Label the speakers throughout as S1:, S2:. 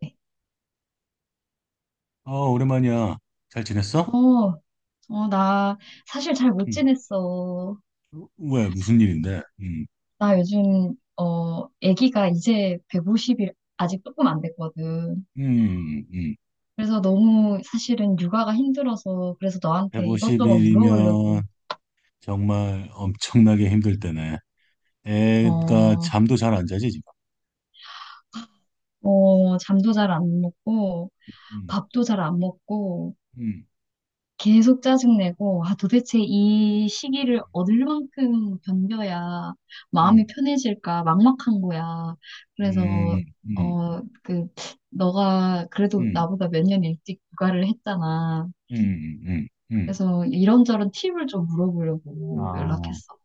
S1: 네.
S2: 아, 오랜만이야. 잘 지냈어?
S1: 어, 어, 나 사실 잘 못
S2: 응.
S1: 지냈어.
S2: 왜, 무슨 일인데? 응.
S1: 나 요즘, 아기가 이제 150일 아직 조금 안 됐거든.
S2: 음, 음.
S1: 그래서 너무 사실은 육아가 힘들어서 그래서 너한테 이것저것
S2: 150일이면
S1: 물어보려고.
S2: 정말 엄청나게 힘들 때네. 애가
S1: 어,
S2: 잠도 잘 안 자지, 지금.
S1: 어, 잠도 잘 안 먹고
S2: 음,
S1: 밥도 잘 안 먹고
S2: 음,
S1: 계속 짜증내고, 아, 도대체 이 시기를 얻을 만큼 견뎌야 마음이
S2: 음,
S1: 편해질까 막막한 거야. 그래서,
S2: 음, 음,
S1: 어, 그, 너가 그래도
S2: 음,
S1: 나보다 몇 년 일찍 육아를 했잖아.
S2: 음, 음, 음.
S1: 그래서 이런저런 팁을 좀 물어보려고
S2: 아,
S1: 연락했어.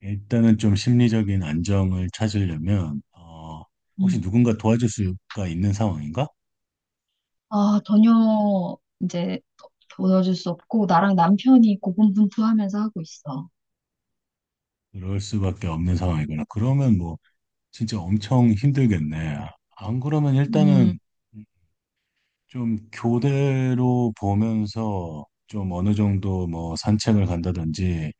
S2: 일단은 좀 심리적인 안정을 찾으려면, 혹시
S1: 음.
S2: 누군가 도와줄 수가 있는 상황인가?
S1: 아, 전혀 이제 도와줄 수 없고, 나랑 남편이 고군분투하면서 하고 있어.
S2: 그럴 수밖에 없는 상황이구나. 그러면 뭐, 진짜 엄청 힘들겠네. 안 그러면
S1: 음,
S2: 일단은 좀 교대로 보면서 좀 어느 정도 뭐 산책을 간다든지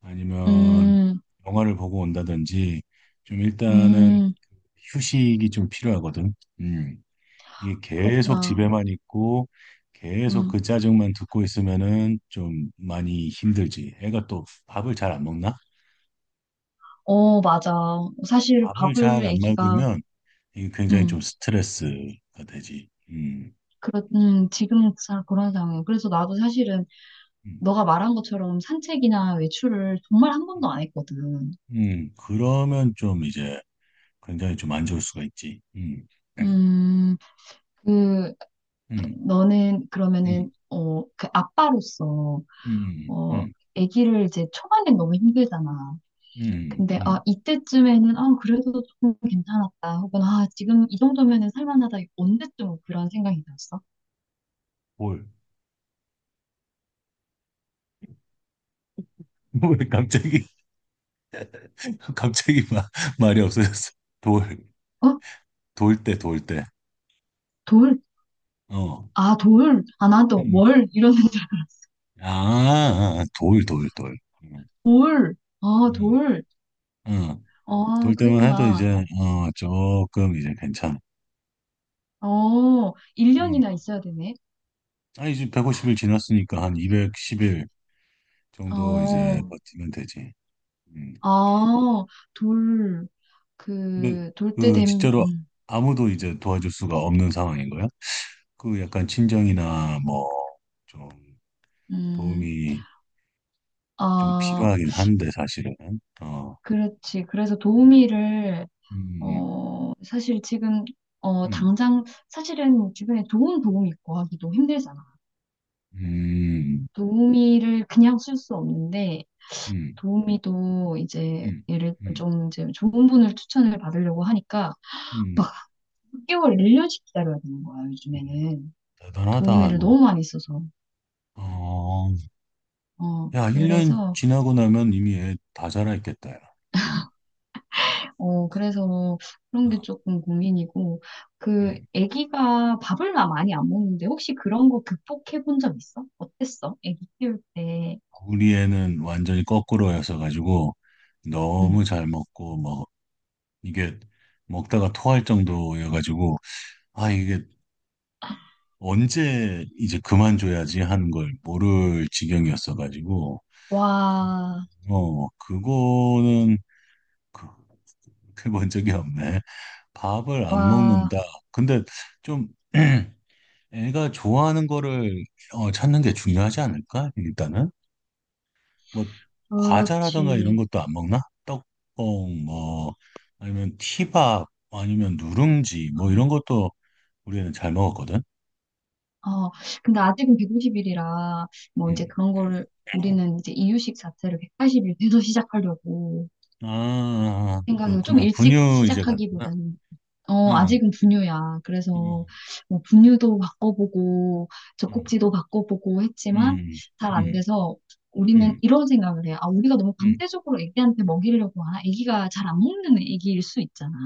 S2: 아니면
S1: 음,
S2: 영화를 보고 온다든지 좀 일단은
S1: 음,
S2: 휴식이 좀 필요하거든. 음. 이게 계속
S1: 그렇구나.
S2: 집에만 있고 계속 그 짜증만 듣고 있으면은 좀 많이 힘들지. 애가 또 밥을 잘 안 먹나?
S1: 어, 맞아. 사실
S2: 밥을
S1: 밥을
S2: 잘 안
S1: 아기가,
S2: 먹으면 이게 굉장히
S1: 음,
S2: 좀 스트레스가 되지. 음.
S1: 지금 잘 그런 상황이에요. 그래서 나도 사실은
S2: 음,
S1: 너가 말한 것처럼 산책이나 외출을 정말 한 번도 안 했거든.
S2: 그러면 좀 이제 굉장히 좀 안 좋을 수가 있지. 네.
S1: 음, 그,
S2: 음,
S1: 너는
S2: 음,
S1: 그러면은, 그 아빠로서,
S2: 음,
S1: 어,
S2: 음,
S1: 아기를 이제 초반엔 너무 힘들잖아.
S2: 음,
S1: 근데,
S2: 음,
S1: 아, 이때쯤에는, 아, 그래도 조금 괜찮았다. 혹은, 아, 지금 이 정도면은 살만하다. 언제쯤 뭐 그런 생각이 들었어?
S2: 돌. 왜 갑자기, 갑자기 마, 말이 없어졌어. 돌,
S1: 어?
S2: 돌 때, 돌 때.
S1: 돌,
S2: 어,
S1: 아, 돌? 아, 난 또
S2: 음,
S1: 월? 이러는 줄 알았어.
S2: 아, 아, 돌, 돌, 돌. 음,
S1: 돌. 아,
S2: 음,
S1: 돌.
S2: 음.
S1: 아,
S2: 돌 때만 해도
S1: 그랬구나.
S2: 이제, 조금 이제 괜찮아.
S1: 어,
S2: 음.
S1: 1년이나 있어야 되네.
S2: 아 이제 백 150일 지났으니까 한 210일 정도 이제
S1: 어,
S2: 버티면 되지. 음.
S1: 아, 돌.
S2: 근데
S1: 그, 돌 때
S2: 그
S1: 됨,
S2: 진짜로 아무도 이제 도와줄 수가 없는 상황인 거야? 그 약간 친정이나 뭐 좀
S1: 음,
S2: 도움이 좀
S1: 아,
S2: 필요하긴 한데 사실은 어,
S1: 그렇지. 그래서 도우미를,
S2: 음,
S1: 사실 지금,
S2: 음,
S1: 당장, 사실은 주변에 좋은 도우미 있고 하기도 힘들잖아.
S2: 음,
S1: 도우미를 그냥 쓸 수 없는데,
S2: 음,
S1: 도우미도 이제
S2: 음,
S1: 예를
S2: 음, 음,
S1: 좀 이제 좋은 분을 추천을 받으려고 하니까
S2: 음.
S1: 막 6개월, 1년씩 기다려야 되는 거야,
S2: 음.
S1: 요즘에는.
S2: 대단하다
S1: 도우미를
S2: 이거.
S1: 너무 많이 써서.
S2: 어,
S1: 어,
S2: 야, 1년
S1: 그래서,
S2: 지나고 나면 이미 애 다 자라있겠다. 야. 음,
S1: 그래서 그런
S2: 어,
S1: 게 조금 고민이고,
S2: 음.
S1: 아기가 밥을 나 많이 안 먹는데, 혹시 그런 거 극복해 본 적 있어? 어땠어? 아기 키울 때.
S2: 우리 애는 완전히 거꾸로여서 가지고
S1: 응.
S2: 너무 잘 먹고 뭐 이게 먹다가 토할 정도여가지고, 아, 이게 언제 이제 그만줘야지 하는 걸 모를 지경이었어가지고, 그,
S1: 와,
S2: 그거는 그- 그렇게 본 적이 없네. 밥을 안
S1: 와,
S2: 먹는다. 근데 좀 애가 좋아하는 거를 찾는 게 중요하지 않을까? 일단은. 뭐, 과자라든가 이런
S1: 그렇지.
S2: 것도 안 먹나? 뭐, 아니면 티밥, 아니면 누룽지, 뭐 이런
S1: 어.
S2: 것도 우리는 잘 먹었거든.
S1: 어, 근데 아직은 150일이라, 뭐 이제
S2: 음.
S1: 그런 거를 우리는 이제 이유식 자체를 180일 돼서 시작하려고
S2: 아, 아,
S1: 생각해요. 좀
S2: 그렇구나.
S1: 일찍
S2: 분유 이제 갔구나.
S1: 시작하기보다는. 어,
S2: 응,
S1: 아직은 분유야.
S2: 응,
S1: 그래서 뭐 분유도 바꿔보고,
S2: 응,
S1: 젖꼭지도 바꿔보고 했지만
S2: 응,
S1: 잘 안
S2: 응,
S1: 돼서 우리는
S2: 응,
S1: 이런 생각을 해요. 아, 우리가 너무
S2: 응,
S1: 강제적으로 애기한테 먹이려고 하나? 애기가 잘 안 먹는 애기일 수 있잖아.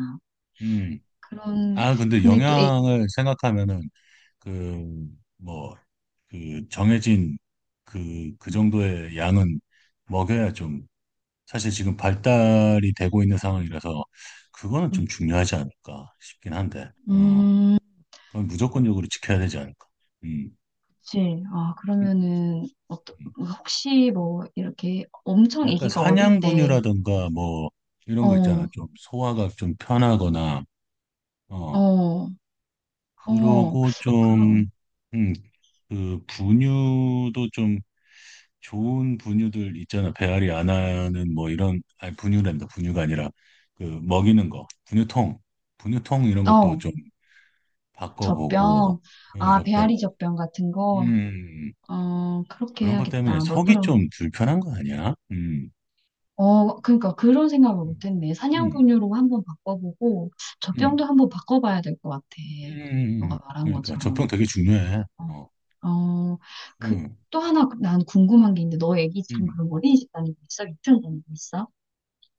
S2: 응.
S1: 그런,
S2: 아, 근데
S1: 근데 또
S2: 영양을 생각하면은 그 뭐 그 정해진 그
S1: 음,
S2: 정도의 양은 먹여야 좀 사실 지금 발달이 되고 있는 상황이라서 그거는 좀 중요하지 않을까 싶긴 한데,
S1: 음.
S2: 그건 무조건적으로 지켜야 되지 않을까. 음,
S1: 그치. 아,
S2: 음,
S1: 그러면은, 어떠,
S2: 음.
S1: 혹시 뭐, 이렇게 엄청
S2: 약간
S1: 아기가 어릴 때,
S2: 사냥분유라든가 뭐 이런 거 있잖아.
S1: 어,
S2: 좀 소화가 좀 편하거나
S1: 어,
S2: 어
S1: 어, 어,
S2: 그러고 좀
S1: 그럼,
S2: 음, 그 분유도 좀 좋은 분유들 있잖아. 배앓이 안 하는 뭐 이런 아니 분유란다. 분유가 아니라 그 먹이는 거 분유통 이런 것도
S1: 어,
S2: 좀 바꿔보고
S1: 젖병,
S2: 어,
S1: 아,
S2: 젖병
S1: 배앓이 젖병 같은 거,
S2: 음
S1: 어, 그렇게
S2: 그런 것 때문에
S1: 해야겠다.
S2: 속이
S1: 너처럼.
S2: 좀 불편한 거 아니야?
S1: 어, 그러니까 그런 생각을
S2: 음,
S1: 못했네.
S2: 음.
S1: 사냥분유로 한번 바꿔보고,
S2: 음.
S1: 젖병도 한번 바꿔봐야 될 것 같아. 너가 말한
S2: 그러니까 적평
S1: 것처럼.
S2: 되게 중요해. 어,
S1: 어, 어, 그,
S2: 음,
S1: 또 하나 난 궁금한 게 있는데, 너 애기 지금
S2: 음.
S1: 그럼 어린이집 다니고 있어? 유치원 다니고 있어?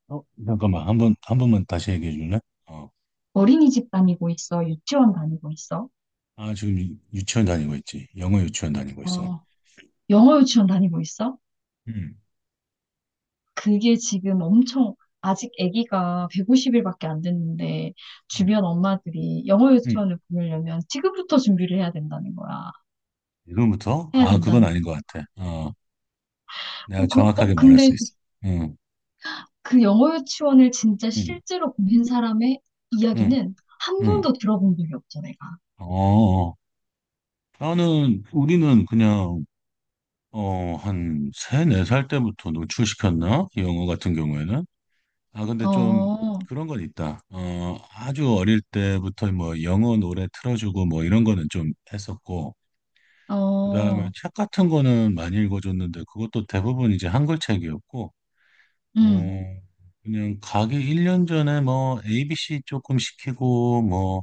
S2: 어, 잠깐만, 한 번만 다시 얘기해 줄래? 어,
S1: 어린이집 다니고 있어? 유치원 다니고 있어?
S2: 아, 지금 유치원 다니고 있지. 영어 유치원 다니고 있어.
S1: 어, 영어 유치원 다니고 있어?
S2: 음,
S1: 그게 지금 엄청, 아직 아기가 150일밖에 안 됐는데,
S2: 음,
S1: 주변 엄마들이 영어
S2: 음.
S1: 유치원을 보내려면 지금부터 준비를 해야 된다는 거야.
S2: 지금부터?
S1: 해야
S2: 아, 그건
S1: 된다는
S2: 아닌 것 같아. 어, 내가
S1: 거야.
S2: 정확하게 말할
S1: 근데
S2: 수 있어. 응,
S1: 그 영어 유치원을 진짜
S2: 응,
S1: 실제로 보낸 사람의
S2: 응,
S1: 이야기는 한
S2: 응.
S1: 번도 들어본 적이 없어, 내가.
S2: 어, 어. 우리는 그냥, 한 세 네 살 때부터 노출시켰나? 영어 같은 경우에는? 아, 근데 좀
S1: 어,
S2: 그런 건 있다. 어, 아주 어릴 때부터 뭐 영어 노래 틀어주고 뭐 이런 거는 좀 했었고,
S1: 응.
S2: 그다음에
S1: 어,
S2: 책 같은 거는 많이 읽어줬는데 그것도 대부분 이제 한글 책이었고, 어,
S1: 음,
S2: 그냥 가기 1년 전에 뭐 ABC 조금 시키고 뭐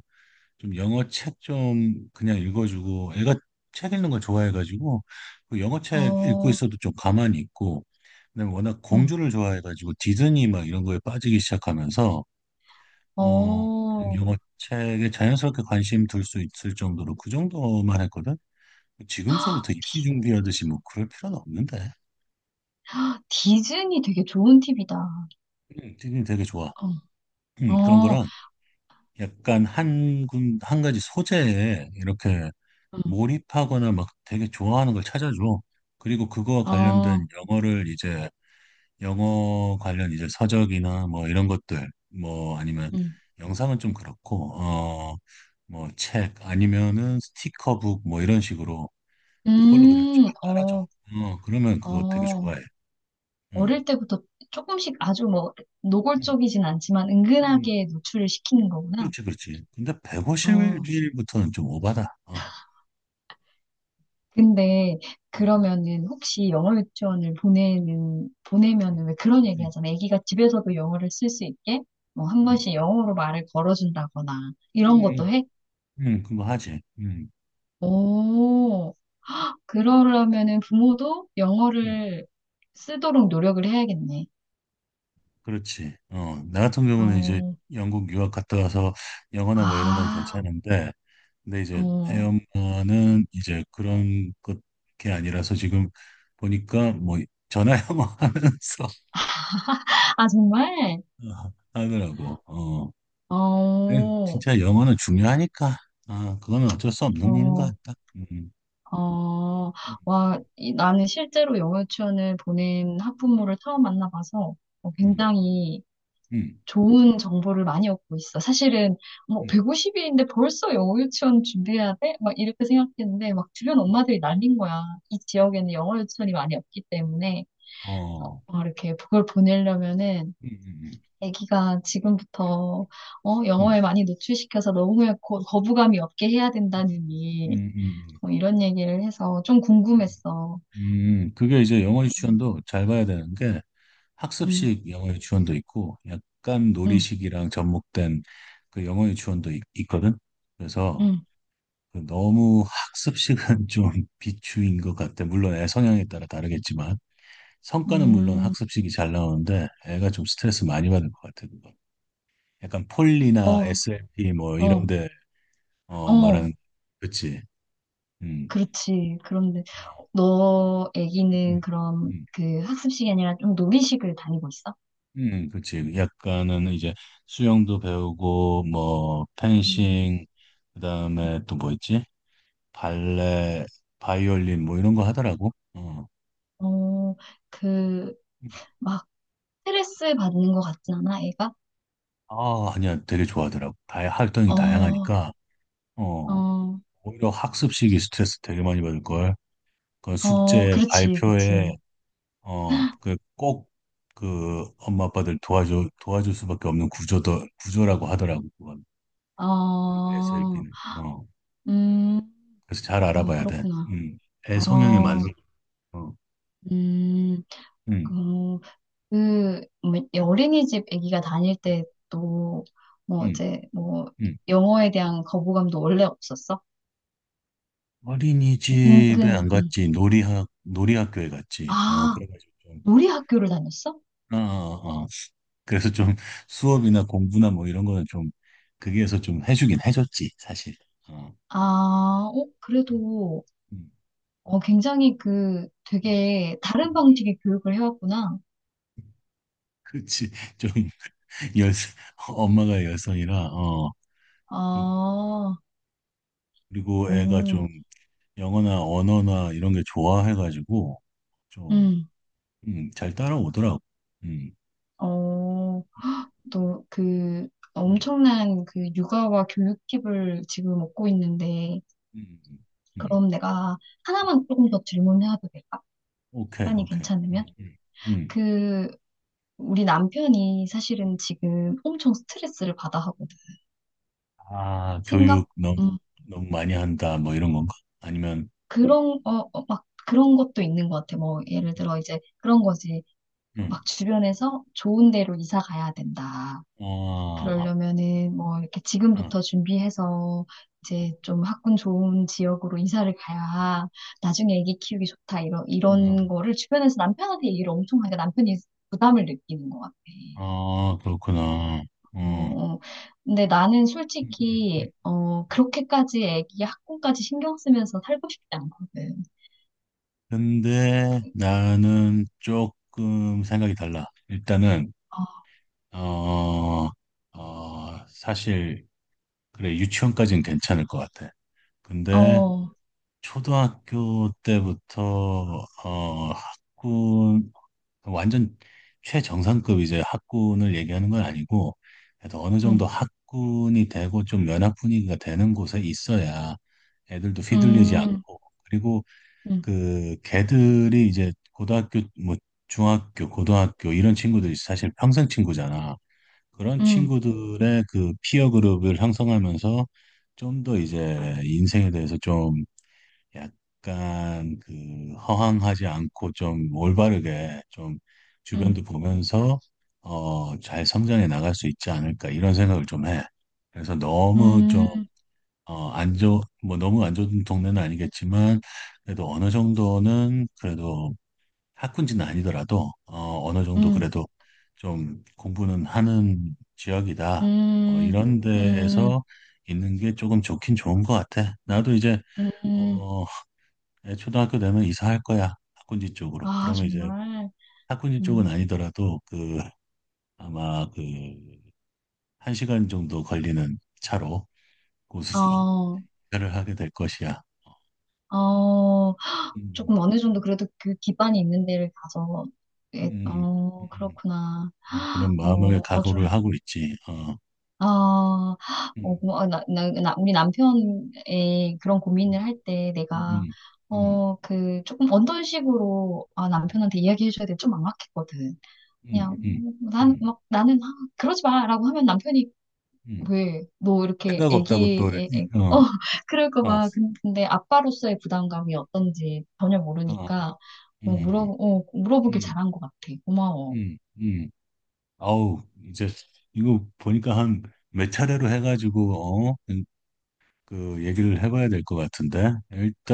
S2: 좀 영어 책 좀 그냥 읽어주고 애가 책 읽는 거 좋아해가지고 그 영어 책 읽고
S1: 어,
S2: 있어도 좀 가만히 있고, 그다음에 워낙
S1: 음,
S2: 공주를 좋아해가지고 디즈니 막 이런 거에 빠지기 시작하면서 어,
S1: 어.
S2: 영어책에 자연스럽게 관심 둘 수 있을 정도로 그 정도만 했거든? 지금서부터 입시 준비하듯이 뭐 그럴 필요는 없는데.
S1: 디즈니 되게 좋은 팁이다.
S2: 되게 되게 좋아.
S1: 어,
S2: 그런
S1: 어,
S2: 거랑 약간 한 가지 소재에 이렇게
S1: 음,
S2: 몰입하거나 막 되게 좋아하는 걸 찾아줘. 그리고 그거와
S1: 어,
S2: 관련된 영어를 이제 영어 관련 이제 서적이나 뭐 이런 것들 뭐 아니면
S1: 음,
S2: 영상은 좀 그렇고 어, 뭐 책 아니면은 스티커북 뭐 이런 식으로 그걸로 그냥 쫙 깔아줘.
S1: 어,
S2: 어, 그러면 그거 되게
S1: 어.
S2: 좋아해. 어.
S1: 어릴 때부터 조금씩 아주 뭐
S2: 음,
S1: 노골적이진 않지만
S2: 음,
S1: 은근하게 노출을 시키는 거구나.
S2: 그렇지, 그렇지. 근데
S1: 어,
S2: 150일부터는 좀 오바다. 어.
S1: 근데
S2: 음,
S1: 그러면은 혹시 영어 유치원을 보내는,
S2: 음,
S1: 보내면은 왜 그런 얘기
S2: 음,
S1: 하잖아. 애기가 집에서도 영어를 쓸 수 있게 뭐 한 번씩 영어로 말을 걸어준다거나 이런 것도
S2: 음,
S1: 해?
S2: 음, 그거 하지.
S1: 오. 그러려면은 부모도
S2: 음,
S1: 영어를 쓰도록 노력을 해야겠네.
S2: 그렇지. 어, 나 같은 경우는 이제
S1: 어,
S2: 영국 유학 갔다 와서 영어나 뭐 이런 건
S1: 아,
S2: 괜찮은데, 근데 이제 애
S1: 어,
S2: 엄마는 이제 그런 것 게 아니라서 지금 보니까 뭐 전화 영어 하면서
S1: 아, 정말?
S2: 하느라고. 어.
S1: 어,
S2: 그래, 진짜 영어는 중요하니까. 아, 그거는 어쩔 수 없는 일인 것
S1: 어,
S2: 같다.
S1: 어,
S2: 음,
S1: 와, 나는 실제로 영어 유치원을 보낸 학부모를 처음 만나봐서
S2: 음,
S1: 굉장히
S2: 음,
S1: 좋은 정보를 많이 얻고 있어. 사실은 뭐
S2: 음,
S1: 150일인데 벌써 영어 유치원 준비해야 돼? 막 이렇게 생각했는데 막 주변
S2: 음.
S1: 엄마들이 난린 거야. 이 지역에는 영어 유치원이 많이 없기 때문에.
S2: 어,
S1: 어, 이렇게 그걸 보내려면은
S2: 음, 음,
S1: 아기가 지금부터
S2: 음,
S1: 영어에 많이 노출시켜서 너무 거부감이 없게 해야
S2: 음,
S1: 된다느니
S2: 음, 음.
S1: 뭐 이런 얘기를 해서 좀
S2: 음,
S1: 궁금했어.
S2: 그게 이제 영어
S1: 음,
S2: 유치원도 잘 봐야 되는 게
S1: 음,
S2: 학습식 영어 유치원도 있고 약간
S1: 음,
S2: 놀이식이랑 접목된 그 영어 유치원도 있거든. 그래서
S1: 음,
S2: 그 너무 학습식은 좀 비추인 것 같아. 물론 애 성향에 따라 다르겠지만. 성과는 물론
S1: 음,
S2: 학습식이 잘 나오는데 애가 좀 스트레스 많이 받을 것 같아 그거. 약간 폴리나
S1: 어,
S2: SLP 뭐
S1: 어,
S2: 이런데 어
S1: 어,
S2: 말하는 그치. 음.
S1: 그렇지. 그런데
S2: 아,
S1: 너
S2: 음.
S1: 아기는 그럼
S2: 음.
S1: 그 학습 이 아니라 좀 놀이식을 다니고 있어?
S2: 그치. 약간은 이제 수영도 배우고 뭐
S1: 음.
S2: 펜싱 그다음에 또 뭐 있지? 발레, 바이올린 뭐 이런 거 하더라고. 어.
S1: 어, 그, 막, 스트레스 받는 것 같진 않아, 애가?
S2: 아, 아니야. 되게 좋아하더라고. 다 활동이
S1: 어,
S2: 다양하니까 어.
S1: 어,
S2: 오히려 학습식이 스트레스 되게 많이 받을 걸. 그
S1: 어,
S2: 숙제
S1: 그렇지, 그치.
S2: 발표에 어 그 꼭 그 엄마 아빠들 도와줘 도와줄 수밖에 없는 구조도 구조라고 하더라고 그건
S1: 어,
S2: SLP는 어
S1: 음,
S2: 그래서 잘
S1: 어,
S2: 알아봐야 돼.
S1: 그렇구나.
S2: 음. 애 성향에 맞는
S1: 어,
S2: 거. 어.
S1: 음,
S2: 음.
S1: 그, 뭐, 이 어린이집 아기가 다닐 때 또, 뭐,
S2: 음.
S1: 이제, 뭐,
S2: 음.
S1: 영어에 대한 거부감도 원래 없었어?
S2: 어린이집에 안
S1: 응.
S2: 갔지 놀이학교에 갔지. 어
S1: 아,
S2: 그래가지고 좀
S1: 놀이 학교를 다녔어?
S2: 어, 어, 어. 그래서 좀 수업이나 공부나 뭐 이런 거는 좀 거기에서 좀 해주긴 해줬지 사실. 어.
S1: 아,
S2: 음,
S1: 그래도,
S2: 음,
S1: 굉장히
S2: 음.
S1: 되게 다른
S2: 음.
S1: 방식의 교육을 해왔구나.
S2: 그렇지. 좀 여, 엄마가 여성이라 어 그-
S1: 아,
S2: 그리고 애가
S1: 오,
S2: 좀 영어나 언어나 이런 게 좋아해가지고 좀
S1: 음,
S2: 잘 따라오더라고. 음,
S1: 어, 또 그
S2: 음,
S1: 엄청난 그 육아와 교육 팁을 지금 얻고 있는데,
S2: 음, 음. 음.
S1: 그럼 내가 하나만 조금 더 질문해도 될까?
S2: 오케이,
S1: 시간이
S2: 오케이.
S1: 괜찮으면?
S2: 음.
S1: 그, 우리 남편이 사실은 지금 엄청 스트레스를 받아 하거든.
S2: 아,
S1: 생각,
S2: 교육 너무
S1: 음,
S2: 너무 많이 한다 뭐 이런 건가? 아니면
S1: 그런, 어, 어, 막 그런 것도 있는 것 같아. 뭐, 예를
S2: 음,
S1: 들어 이제 그런 거지.
S2: 음.
S1: 막 주변에서 좋은 데로 이사 가야 된다.
S2: 아,
S1: 그러려면은 뭐 이렇게
S2: 아,
S1: 지금부터 준비해서 이제 좀 학군 좋은 지역으로 이사를 가야 나중에 아기 키우기 좋다 이런
S2: 아,
S1: 이런 거를 주변에서 남편한테 얘기를 엄청 하니까 남편이 부담을 느끼는 것 같아.
S2: 아, 그렇구나. 어.
S1: 어, 어. 근데 나는
S2: 음, 음.
S1: 솔직히 그렇게까지 아기 학군까지 신경 쓰면서 살고 싶지 않거든.
S2: 근데 나는 조금 생각이 달라. 일단은 어, 어, 사실 그래 유치원까지는 괜찮을 것 같아.
S1: 어,
S2: 근데
S1: 어,
S2: 초등학교 때부터 어, 학군 완전 최정상급 이제 학군을 얘기하는 건 아니고 그래도 어느 정도
S1: 음,
S2: 학군이 되고 좀 연합 분위기가 되는 곳에 있어야 애들도 휘둘리지
S1: 음,
S2: 않고 그리고
S1: 음,
S2: 그 걔들이 이제 고등학교 뭐 중학교 고등학교 이런 친구들이 사실 평생 친구잖아. 그런
S1: 음,
S2: 친구들의 그 피어 그룹을 형성하면서 좀 더 이제 인생에 대해서 좀 약간 그 허황하지 않고 좀 올바르게 좀
S1: 음,
S2: 주변도 보면서 어 잘 성장해 나갈 수 있지 않을까 이런 생각을 좀 해. 그래서 너무 좀
S1: 음,
S2: 어, 안 좋, 뭐 너무 안 좋은 동네는 아니겠지만, 그래도 어느 정도는 그래도 학군지는 아니더라도, 어, 어느 정도
S1: 음,
S2: 그래도 좀 공부는 하는 지역이다. 어,
S1: 음,
S2: 이런
S1: 음,
S2: 데에서 있는 게 조금 좋긴 좋은 것 같아. 나도 이제,
S1: 음.
S2: 어, 애 초등학교 되면 이사할 거야. 학군지 쪽으로.
S1: 아,
S2: 그러면 이제
S1: 정말.
S2: 학군지 쪽은
S1: 음.
S2: 아니더라도 그, 아마 그, 한 시간 정도 걸리는 차로 고속도로를
S1: 어,
S2: 하게 될 것이야.
S1: 어,
S2: 음.
S1: 조금 어느 정도 그래도 그 기반이 있는 데를 가서, 예,
S2: 음, 음,
S1: 어,
S2: 음,
S1: 그렇구나.
S2: 그런
S1: 어,
S2: 마음을
S1: 어,
S2: 각오를
S1: 좀,
S2: 하고 있지. 어.
S1: 아, 어,
S2: 음,
S1: 고마워. 나, 우리 남편의 그런 고민을
S2: 음,
S1: 할 때 내가,
S2: 음, 음,
S1: 조금 어떤 식으로, 아, 남편한테 이야기해줘야 돼. 좀 막막했거든.
S2: 음,
S1: 그냥,
S2: 음, 음, 음, 음.
S1: 막, 나는, 아, 그러지 마. 라고 하면 남편이
S2: 음.
S1: 왜, 너 이렇게
S2: 생각 없다고 또,
S1: 애기의,
S2: 어,
S1: 그럴까
S2: 어,
S1: 봐. 근데 아빠로서의 부담감이 어떤지 전혀
S2: 어, 어,
S1: 모르니까,
S2: 음,
S1: 물어보길
S2: 음,
S1: 잘한 것 같아. 고마워.
S2: 음, 음. 아우, 이제 이거 보니까 한 몇 차례로 해가지고, 어, 그 얘기를 해봐야 될 것 같은데.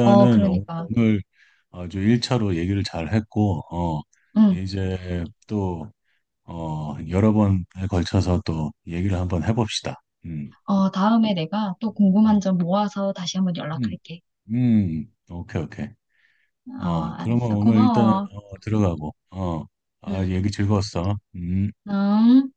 S1: 어, 그러니까,
S2: 오늘 아주 1차로 얘기를 잘 했고, 어,
S1: 응.
S2: 이제 또 어, 여러 번에 걸쳐서 또 얘기를 한번 해봅시다.
S1: 어, 다음에 내가 또 궁금한
S2: 음,
S1: 점 모아서 다시 한번
S2: 음,
S1: 연락할게.
S2: 오케이, 오케이.
S1: 어,
S2: 어, 그러면
S1: 알았어.
S2: 오늘 일단
S1: 고마워.
S2: 어, 들어가고, 어, 아,
S1: 응.
S2: 얘기 즐거웠어. 음.
S1: 음.